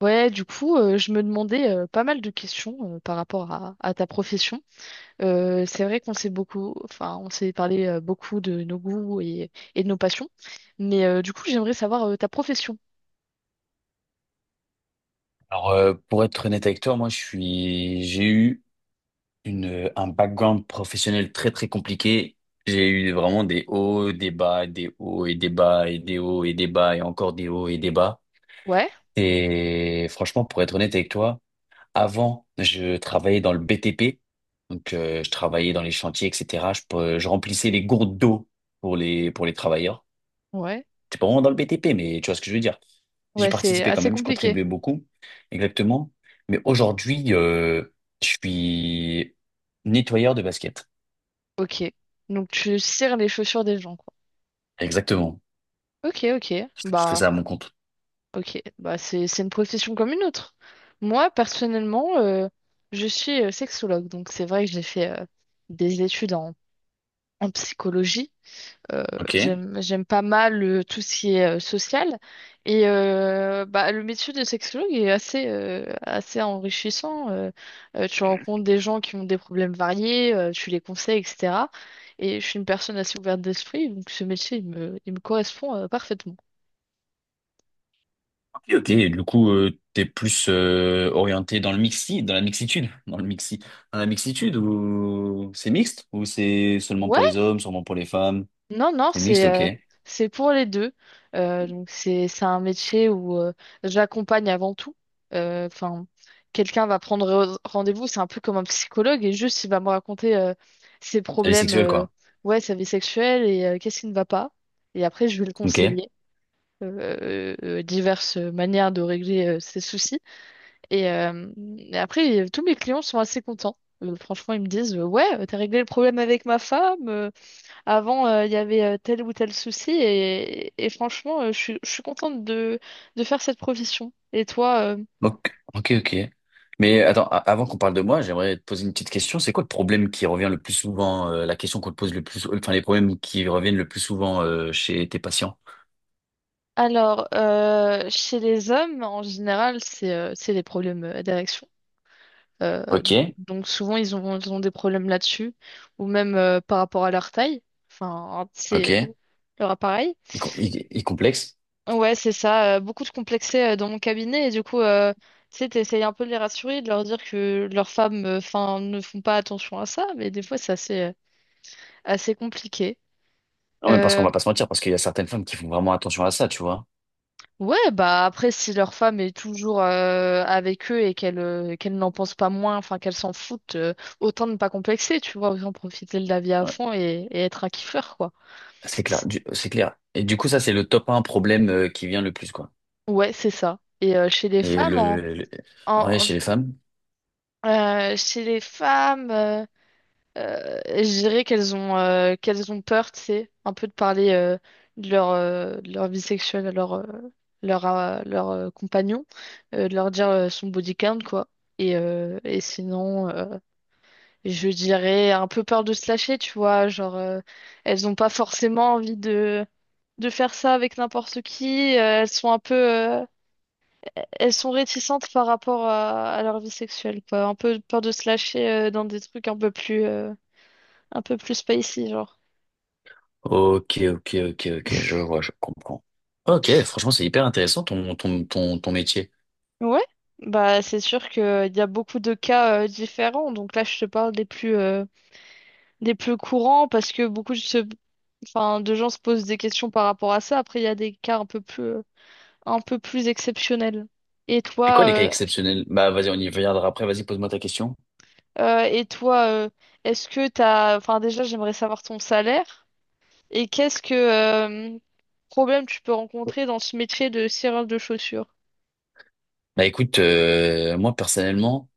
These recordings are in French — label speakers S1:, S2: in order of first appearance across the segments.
S1: Ouais, du coup, je me demandais pas mal de questions par rapport à ta profession. C'est vrai qu'on s'est beaucoup, enfin, on s'est parlé beaucoup de nos goûts et de nos passions, mais du coup, j'aimerais savoir ta profession.
S2: Alors, pour être honnête avec toi, moi, j'ai eu un background professionnel très, très compliqué. J'ai eu vraiment des hauts, des bas, des hauts et des bas, et des hauts et des bas, et encore des hauts et des bas.
S1: Ouais,
S2: Et franchement, pour être honnête avec toi, avant, je travaillais dans le BTP. Donc, je travaillais dans les chantiers, etc. Je remplissais les gourdes d'eau pour les travailleurs.
S1: ouais,
S2: C'est pas vraiment dans le BTP, mais tu vois ce que je veux dire. J'y
S1: ouais, c'est
S2: participais quand
S1: assez
S2: même, je
S1: compliqué.
S2: contribuais beaucoup, exactement. Mais aujourd'hui, je suis nettoyeur de basket.
S1: Ok, donc tu cires les chaussures des gens, quoi.
S2: Exactement.
S1: Ok,
S2: Je fais
S1: bah,
S2: ça à mon compte.
S1: ok, bah c'est une profession comme une autre. Moi, personnellement, je suis sexologue, donc c'est vrai que j'ai fait des études en en psychologie. euh,
S2: Ok.
S1: j'aime pas mal tout ce qui est social et bah le métier de sexologue est assez assez enrichissant tu rencontres des gens qui ont des problèmes variés, tu les conseilles, etc. Et je suis une personne assez ouverte d'esprit, donc ce métier il me correspond parfaitement.
S2: Ok, ok. Et du coup, t'es plus orienté dans le mixi, dans la mixitude, dans le mixi, dans la mixitude, ou c'est mixte, ou c'est seulement
S1: Ouais,
S2: pour les hommes, seulement pour les femmes?
S1: non, non,
S2: C'est mixte, ok.
S1: c'est pour les deux. Donc c'est un métier où j'accompagne avant tout. Enfin, quelqu'un va prendre rendez-vous, c'est un peu comme un psychologue et juste il va me raconter ses
S2: C'est
S1: problèmes,
S2: sexuel, quoi.
S1: ouais, sa vie sexuelle et qu'est-ce qui ne va pas. Et après, je vais le
S2: Ok.
S1: conseiller. Diverses manières de régler ses soucis. Et, euh, et après, tous mes clients sont assez contents. Franchement, ils me disent, ouais, t'as réglé le problème avec ma femme. Avant, il y avait tel ou tel souci et franchement, je suis contente de faire cette profession. Et toi,
S2: Ok, ok, ok. Mais attends, avant qu'on parle de moi, j'aimerais te poser une petite question. C'est quoi le problème qui revient le plus souvent, la question qu'on te pose le plus, enfin les problèmes qui reviennent le plus souvent chez tes patients?
S1: alors, chez les hommes, en général, c'est les problèmes d'érection. Donc
S2: Ok,
S1: donc souvent, ils ont des problèmes là-dessus, ou même par rapport à leur taille, enfin,
S2: ok.
S1: c'est leur appareil.
S2: Il complexe.
S1: Ouais, c'est ça. Beaucoup de complexés dans mon cabinet et du coup, tu sais, t'essayes un peu de les rassurer, de leur dire que leurs femmes, enfin, ne font pas attention à ça, mais des fois, c'est assez compliqué.
S2: Non, mais parce qu'on
S1: Euh,
S2: va pas se mentir, parce qu'il y a certaines femmes qui font vraiment attention à ça, tu vois.
S1: ouais, bah après, si leur femme est toujours avec eux et qu'elle n'en pense pas moins, enfin qu'elle s'en foutent, autant ne pas complexer, tu vois, autant profiter de la vie à
S2: Ouais.
S1: fond et être un kiffeur, quoi.
S2: C'est clair, c'est clair. Et du coup, ça, c'est le top un problème qui vient le plus, quoi.
S1: Ouais, c'est ça. Et chez les
S2: Et
S1: femmes,
S2: ouais,
S1: en- en-
S2: chez les femmes.
S1: chez les femmes. Je dirais qu'elles ont peur, tu sais, un peu de parler de leur vie sexuelle à leur, compagnon, de leur dire son body count, quoi. Et sinon, je dirais un peu peur de se lâcher, tu vois, genre, elles n'ont pas forcément envie de faire ça avec n'importe qui, elles sont un peu, elles sont réticentes par rapport à leur vie sexuelle, quoi. Un peu peur de se lâcher dans des trucs un peu un peu plus spicy, genre.
S2: Ok, ok, ok, ok, je vois, je comprends. Ok, franchement, c'est hyper intéressant ton, ton, ton, ton métier.
S1: Ouais, bah c'est sûr que il y a beaucoup de cas différents. Donc là, je te parle des plus courants parce que enfin de gens se posent des questions par rapport à ça. Après, il y a des cas un peu plus exceptionnels. Et
S2: C'est quoi
S1: toi,
S2: les cas
S1: euh,
S2: exceptionnels? Bah, vas-y, on y reviendra après. Vas-y, pose-moi ta question.
S1: et toi, est-ce que t'as, enfin déjà, j'aimerais savoir ton salaire et qu'est-ce que problème tu peux rencontrer dans ce métier de cireur de chaussures?
S2: Bah, écoute, moi, personnellement,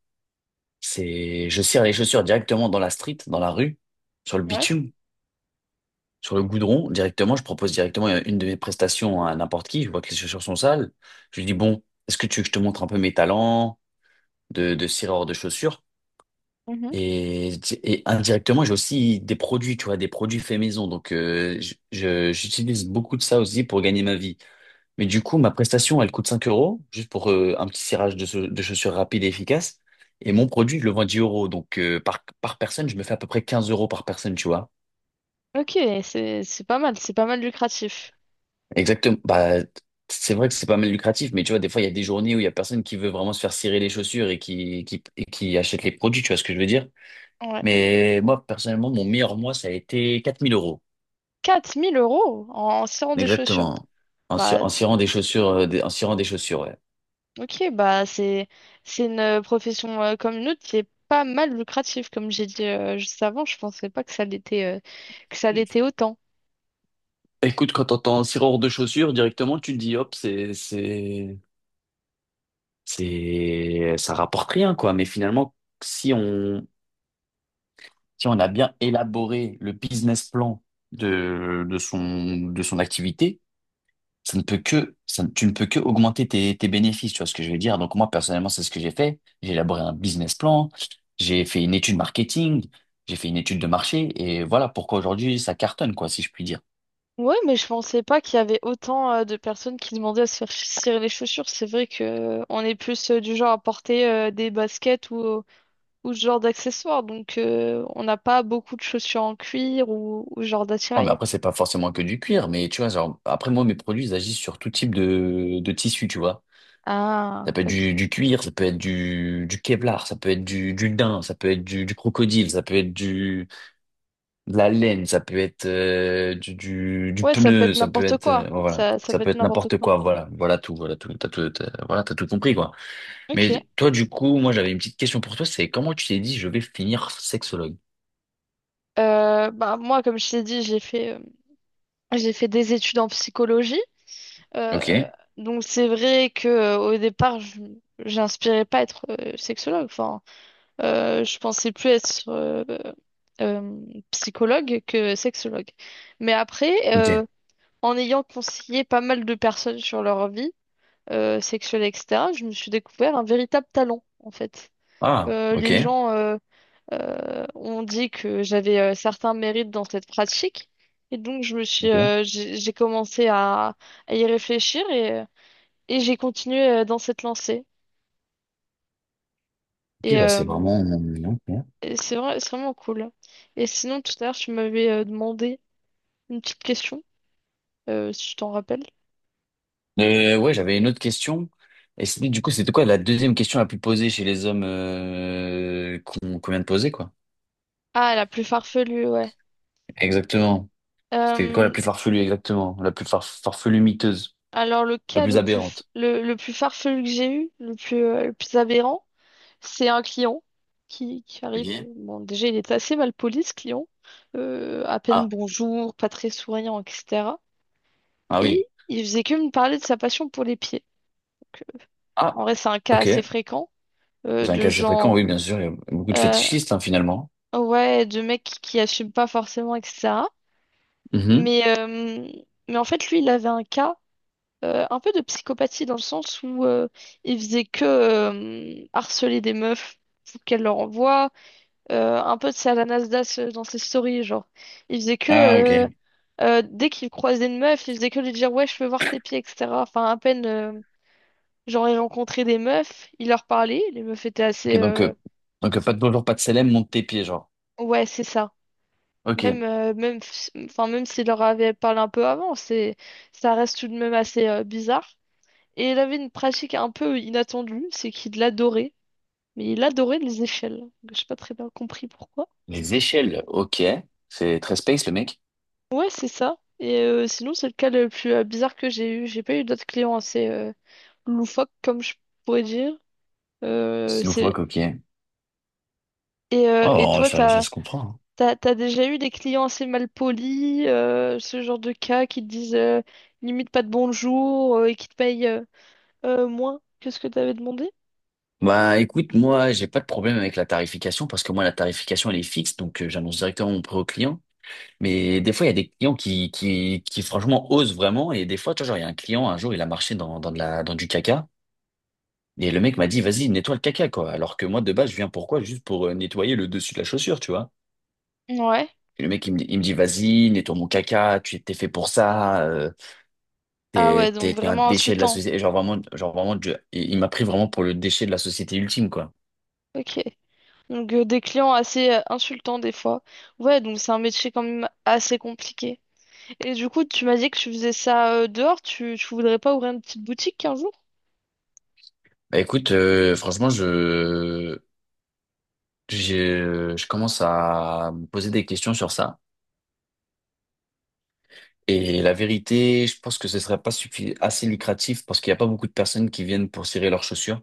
S2: c'est, je cire les chaussures directement dans la street, dans la rue, sur le
S1: Ouais.
S2: bitume, sur le goudron, directement. Je propose directement une de mes prestations à n'importe qui. Je vois que les chaussures sont sales. Je lui dis, bon, est-ce que tu veux que je te montre un peu mes talents de cireur de chaussures?
S1: Mhm.
S2: Et, et indirectement, j'ai aussi des produits, tu vois, des produits faits maison. Donc, j'utilise beaucoup de ça aussi pour gagner ma vie. Mais du coup, ma prestation, elle coûte 5 euros, juste pour un petit cirage chaussures de chaussures, rapide et efficace. Et mon produit, je le vends 10 euros. Donc, par personne, je me fais à peu près 15 euros par personne, tu vois.
S1: Ok, c'est pas mal, c'est pas mal lucratif.
S2: Exactement. Bah, c'est vrai que c'est pas mal lucratif, mais tu vois, des fois, il y a des journées où il y a personne qui veut vraiment se faire cirer les chaussures et et qui achète les produits, tu vois ce que je veux dire.
S1: Ouais.
S2: Mais moi, personnellement, mon meilleur mois, ça a été 4000 euros.
S1: 4000 euros en, en serrant des chaussures.
S2: Exactement.
S1: Bah,
S2: En cirant des chaussures, en cirant des chaussures, ouais.
S1: ok, bah, c'est une profession comme une autre qui est pas mal lucrative. Comme j'ai dit juste avant, je pensais pas que ça l'était que ça l'était autant.
S2: Écoute, quand t'entends un cireur de chaussures, directement, tu te dis, hop, ça rapporte rien, quoi. Mais finalement, si on, si on a bien élaboré le business plan de son activité, ça ne peut que, ça, ne- tu ne peux que augmenter tes, tes bénéfices, tu vois ce que je veux dire. Donc moi, personnellement, c'est ce que j'ai fait. J'ai élaboré un business plan, j'ai fait une étude marketing, j'ai fait une étude de marché, et voilà pourquoi aujourd'hui ça cartonne, quoi, si je puis dire.
S1: Ouais, mais je pensais pas qu'il y avait autant de personnes qui demandaient à se faire cirer les chaussures. C'est vrai que on est plus du genre à porter des baskets ou ce genre d'accessoires. Donc, on n'a pas beaucoup de chaussures en cuir ou ce genre
S2: Non, mais
S1: d'attirail.
S2: après, c'est pas forcément que du cuir, mais tu vois, genre, après, moi, mes produits, ils agissent sur tout type de tissu, tu vois. Ça
S1: Ah,
S2: peut être
S1: ok.
S2: du cuir, ça peut être du Kevlar, ça peut être du daim, ça peut être du crocodile, ça peut être du de la laine, ça peut être du
S1: Ouais, ça peut
S2: pneu,
S1: être
S2: ça peut
S1: n'importe
S2: être
S1: quoi.
S2: bon, voilà,
S1: Ça
S2: ça
S1: peut
S2: peut
S1: être
S2: être
S1: n'importe
S2: n'importe
S1: quoi.
S2: quoi, voilà, voilà tout, t'as tout, voilà, t'as tout compris quoi.
S1: Ok.
S2: Mais toi du coup, moi j'avais une petite question pour toi, c'est comment tu t'es dit je vais finir sexologue?
S1: Bah moi, comme je t'ai dit, j'ai fait des études en psychologie.
S2: Ok,
S1: Euh, donc c'est vrai que au départ, je j'inspirais pas à être sexologue. Enfin, je pensais plus être euh, psychologue que sexologue. Mais après,
S2: ok.
S1: en ayant conseillé pas mal de personnes sur leur vie sexuelle, etc., je me suis découvert un véritable talent, en fait.
S2: Ah, ok.
S1: Les gens On dit que j'avais certains mérites dans cette pratique. Et donc,
S2: Ok.
S1: j'ai commencé à y réfléchir et j'ai continué dans cette lancée.
S2: Ok,
S1: Et,
S2: bah
S1: euh,
S2: c'est vraiment. Ok.
S1: et c'est vrai, c'est vraiment cool. Et sinon, tout à l'heure, tu m'avais demandé une petite question, si je t'en rappelle.
S2: Ouais, j'avais une autre question. Du coup, c'était quoi la deuxième question la plus posée chez les hommes qu'on qu'on vient de poser, quoi?
S1: Ah, la plus farfelue, ouais.
S2: Exactement. C'était quoi la
S1: Euh,
S2: plus farfelue, exactement? La plus farfelue miteuse.
S1: alors,
S2: La plus aberrante.
S1: le plus farfelu que j'ai eu, le plus aberrant, c'est un client qui arrive.
S2: Ok.
S1: Bon, déjà, il est assez mal poli, ce client. À peine
S2: Ah,
S1: bonjour, pas très souriant, etc.
S2: ah oui.
S1: Et il faisait que me parler de sa passion pour les pieds. Donc,
S2: Ah,
S1: en vrai, c'est un cas
S2: ok.
S1: assez
S2: Vous
S1: fréquent
S2: avez un
S1: de
S2: cas assez fréquent,
S1: gens,
S2: oui, bien sûr. Il y a beaucoup de
S1: euh,
S2: fétichistes, hein, finalement.
S1: ouais, de mecs qui assument pas forcément, etc.
S2: Mhm.
S1: Mais, euh, mais en fait, lui, il avait un cas un peu de psychopathie dans le sens où il faisait que harceler des meufs pour qu'elles leur envoient. Un peu, c'est à la Nasdaq dans ses stories, genre. Il faisait que,
S2: Ah, ok.
S1: euh, dès qu'il croisait une meuf, il faisait que lui dire, ouais, je veux voir tes pieds, etc. Enfin, à peine, genre, il rencontrait des meufs, il leur parlait, les meufs étaient assez,
S2: Ok, donc, pas de bonjour, pas de célèbre, monte tes pieds, genre.
S1: ouais, c'est ça.
S2: Ok.
S1: Même, même, enfin, même s'il leur avait parlé un peu avant, c'est, ça reste tout de même assez, bizarre. Et il avait une pratique un peu inattendue, c'est qu'il adorait. Mais il adorait les échelles. J'ai pas très bien compris pourquoi.
S2: Les échelles, ok. C'est très space, le mec.
S1: Ouais, c'est ça. Et sinon, c'est le cas le plus bizarre que j'ai eu. J'ai pas eu d'autres clients assez loufoques, comme je pourrais dire. Euh,
S2: C'est
S1: c'est...
S2: loufoque, ok.
S1: Et
S2: Oh,
S1: toi,
S2: ça se comprend, hein.
S1: t'as déjà eu des clients assez mal polis, ce genre de cas qui te disent limite pas de bonjour et qui te payent moins que ce que t'avais demandé?
S2: Bah, écoute, moi, j'ai pas de problème avec la tarification parce que moi, la tarification, elle est fixe, donc j'annonce directement mon prix au client. Mais des fois, il y a des clients qui franchement osent vraiment. Et des fois, tu vois, genre, il y a un client, un jour, il a marché dans du caca. Et le mec m'a dit, vas-y, nettoie le caca, quoi. Alors que moi, de base, je viens pourquoi? Juste pour nettoyer le dessus de la chaussure, tu vois.
S1: Ouais.
S2: Et le mec, il me dit, vas-y, nettoie mon caca, tu t'es fait pour ça,
S1: Ah ouais, donc
S2: t'es un
S1: vraiment
S2: déchet de la
S1: insultant.
S2: société. Genre vraiment, il m'a pris vraiment pour le déchet de la société ultime, quoi.
S1: Ok. Donc des clients assez insultants des fois. Ouais, donc c'est un métier quand même assez compliqué. Et du coup, tu m'as dit que tu faisais ça dehors, tu voudrais pas ouvrir une petite boutique un jour?
S2: Bah écoute, franchement, j'ai- je commence à me poser des questions sur ça. Et la vérité, je pense que ce serait pas assez lucratif parce qu'il n'y a pas beaucoup de personnes qui viennent pour cirer leurs chaussures.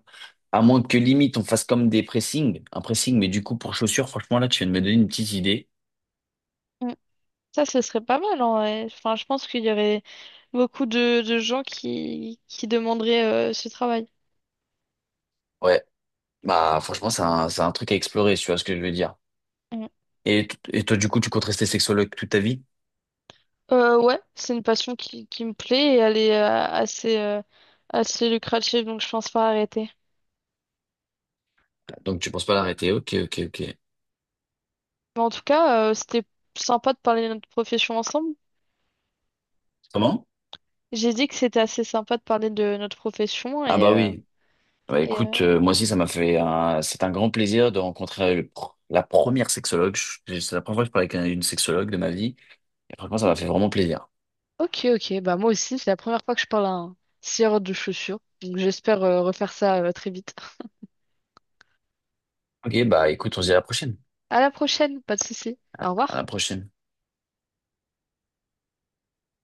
S2: À moins que limite on fasse comme des pressings, un pressing, mais du coup pour chaussures, franchement là tu viens de me donner une petite idée.
S1: Mm. Ça, ce serait pas mal en vrai. Enfin, je pense qu'il y aurait beaucoup de gens qui demanderaient ce travail.
S2: Ouais, bah franchement c'est un truc à explorer, tu vois ce que je veux dire.
S1: Mm.
S2: Et, et toi du coup tu comptes rester sexologue toute ta vie?
S1: Ouais, c'est une passion qui me plaît et elle est assez, assez lucrative, donc je pense pas arrêter.
S2: Donc tu penses pas l'arrêter, ok ok ok.
S1: Mais en tout cas, c'était sympa de parler de notre profession ensemble.
S2: Comment?
S1: J'ai dit que c'était assez sympa de parler de notre profession
S2: Ah bah oui. Bah
S1: et,
S2: écoute,
S1: euh,
S2: moi aussi ça m'a fait un… C'est un grand plaisir de rencontrer la première sexologue. C'est la première fois que je parle avec une sexologue de ma vie. Et franchement, ça m'a fait vraiment plaisir.
S1: Ok, ok. Bah, moi aussi, c'est la première fois que je parle à un scieur de chaussures. Donc, j'espère refaire ça très vite.
S2: Ok, bah écoute, on se dit à la prochaine.
S1: À la prochaine, pas de souci. Au
S2: À la
S1: revoir.
S2: prochaine.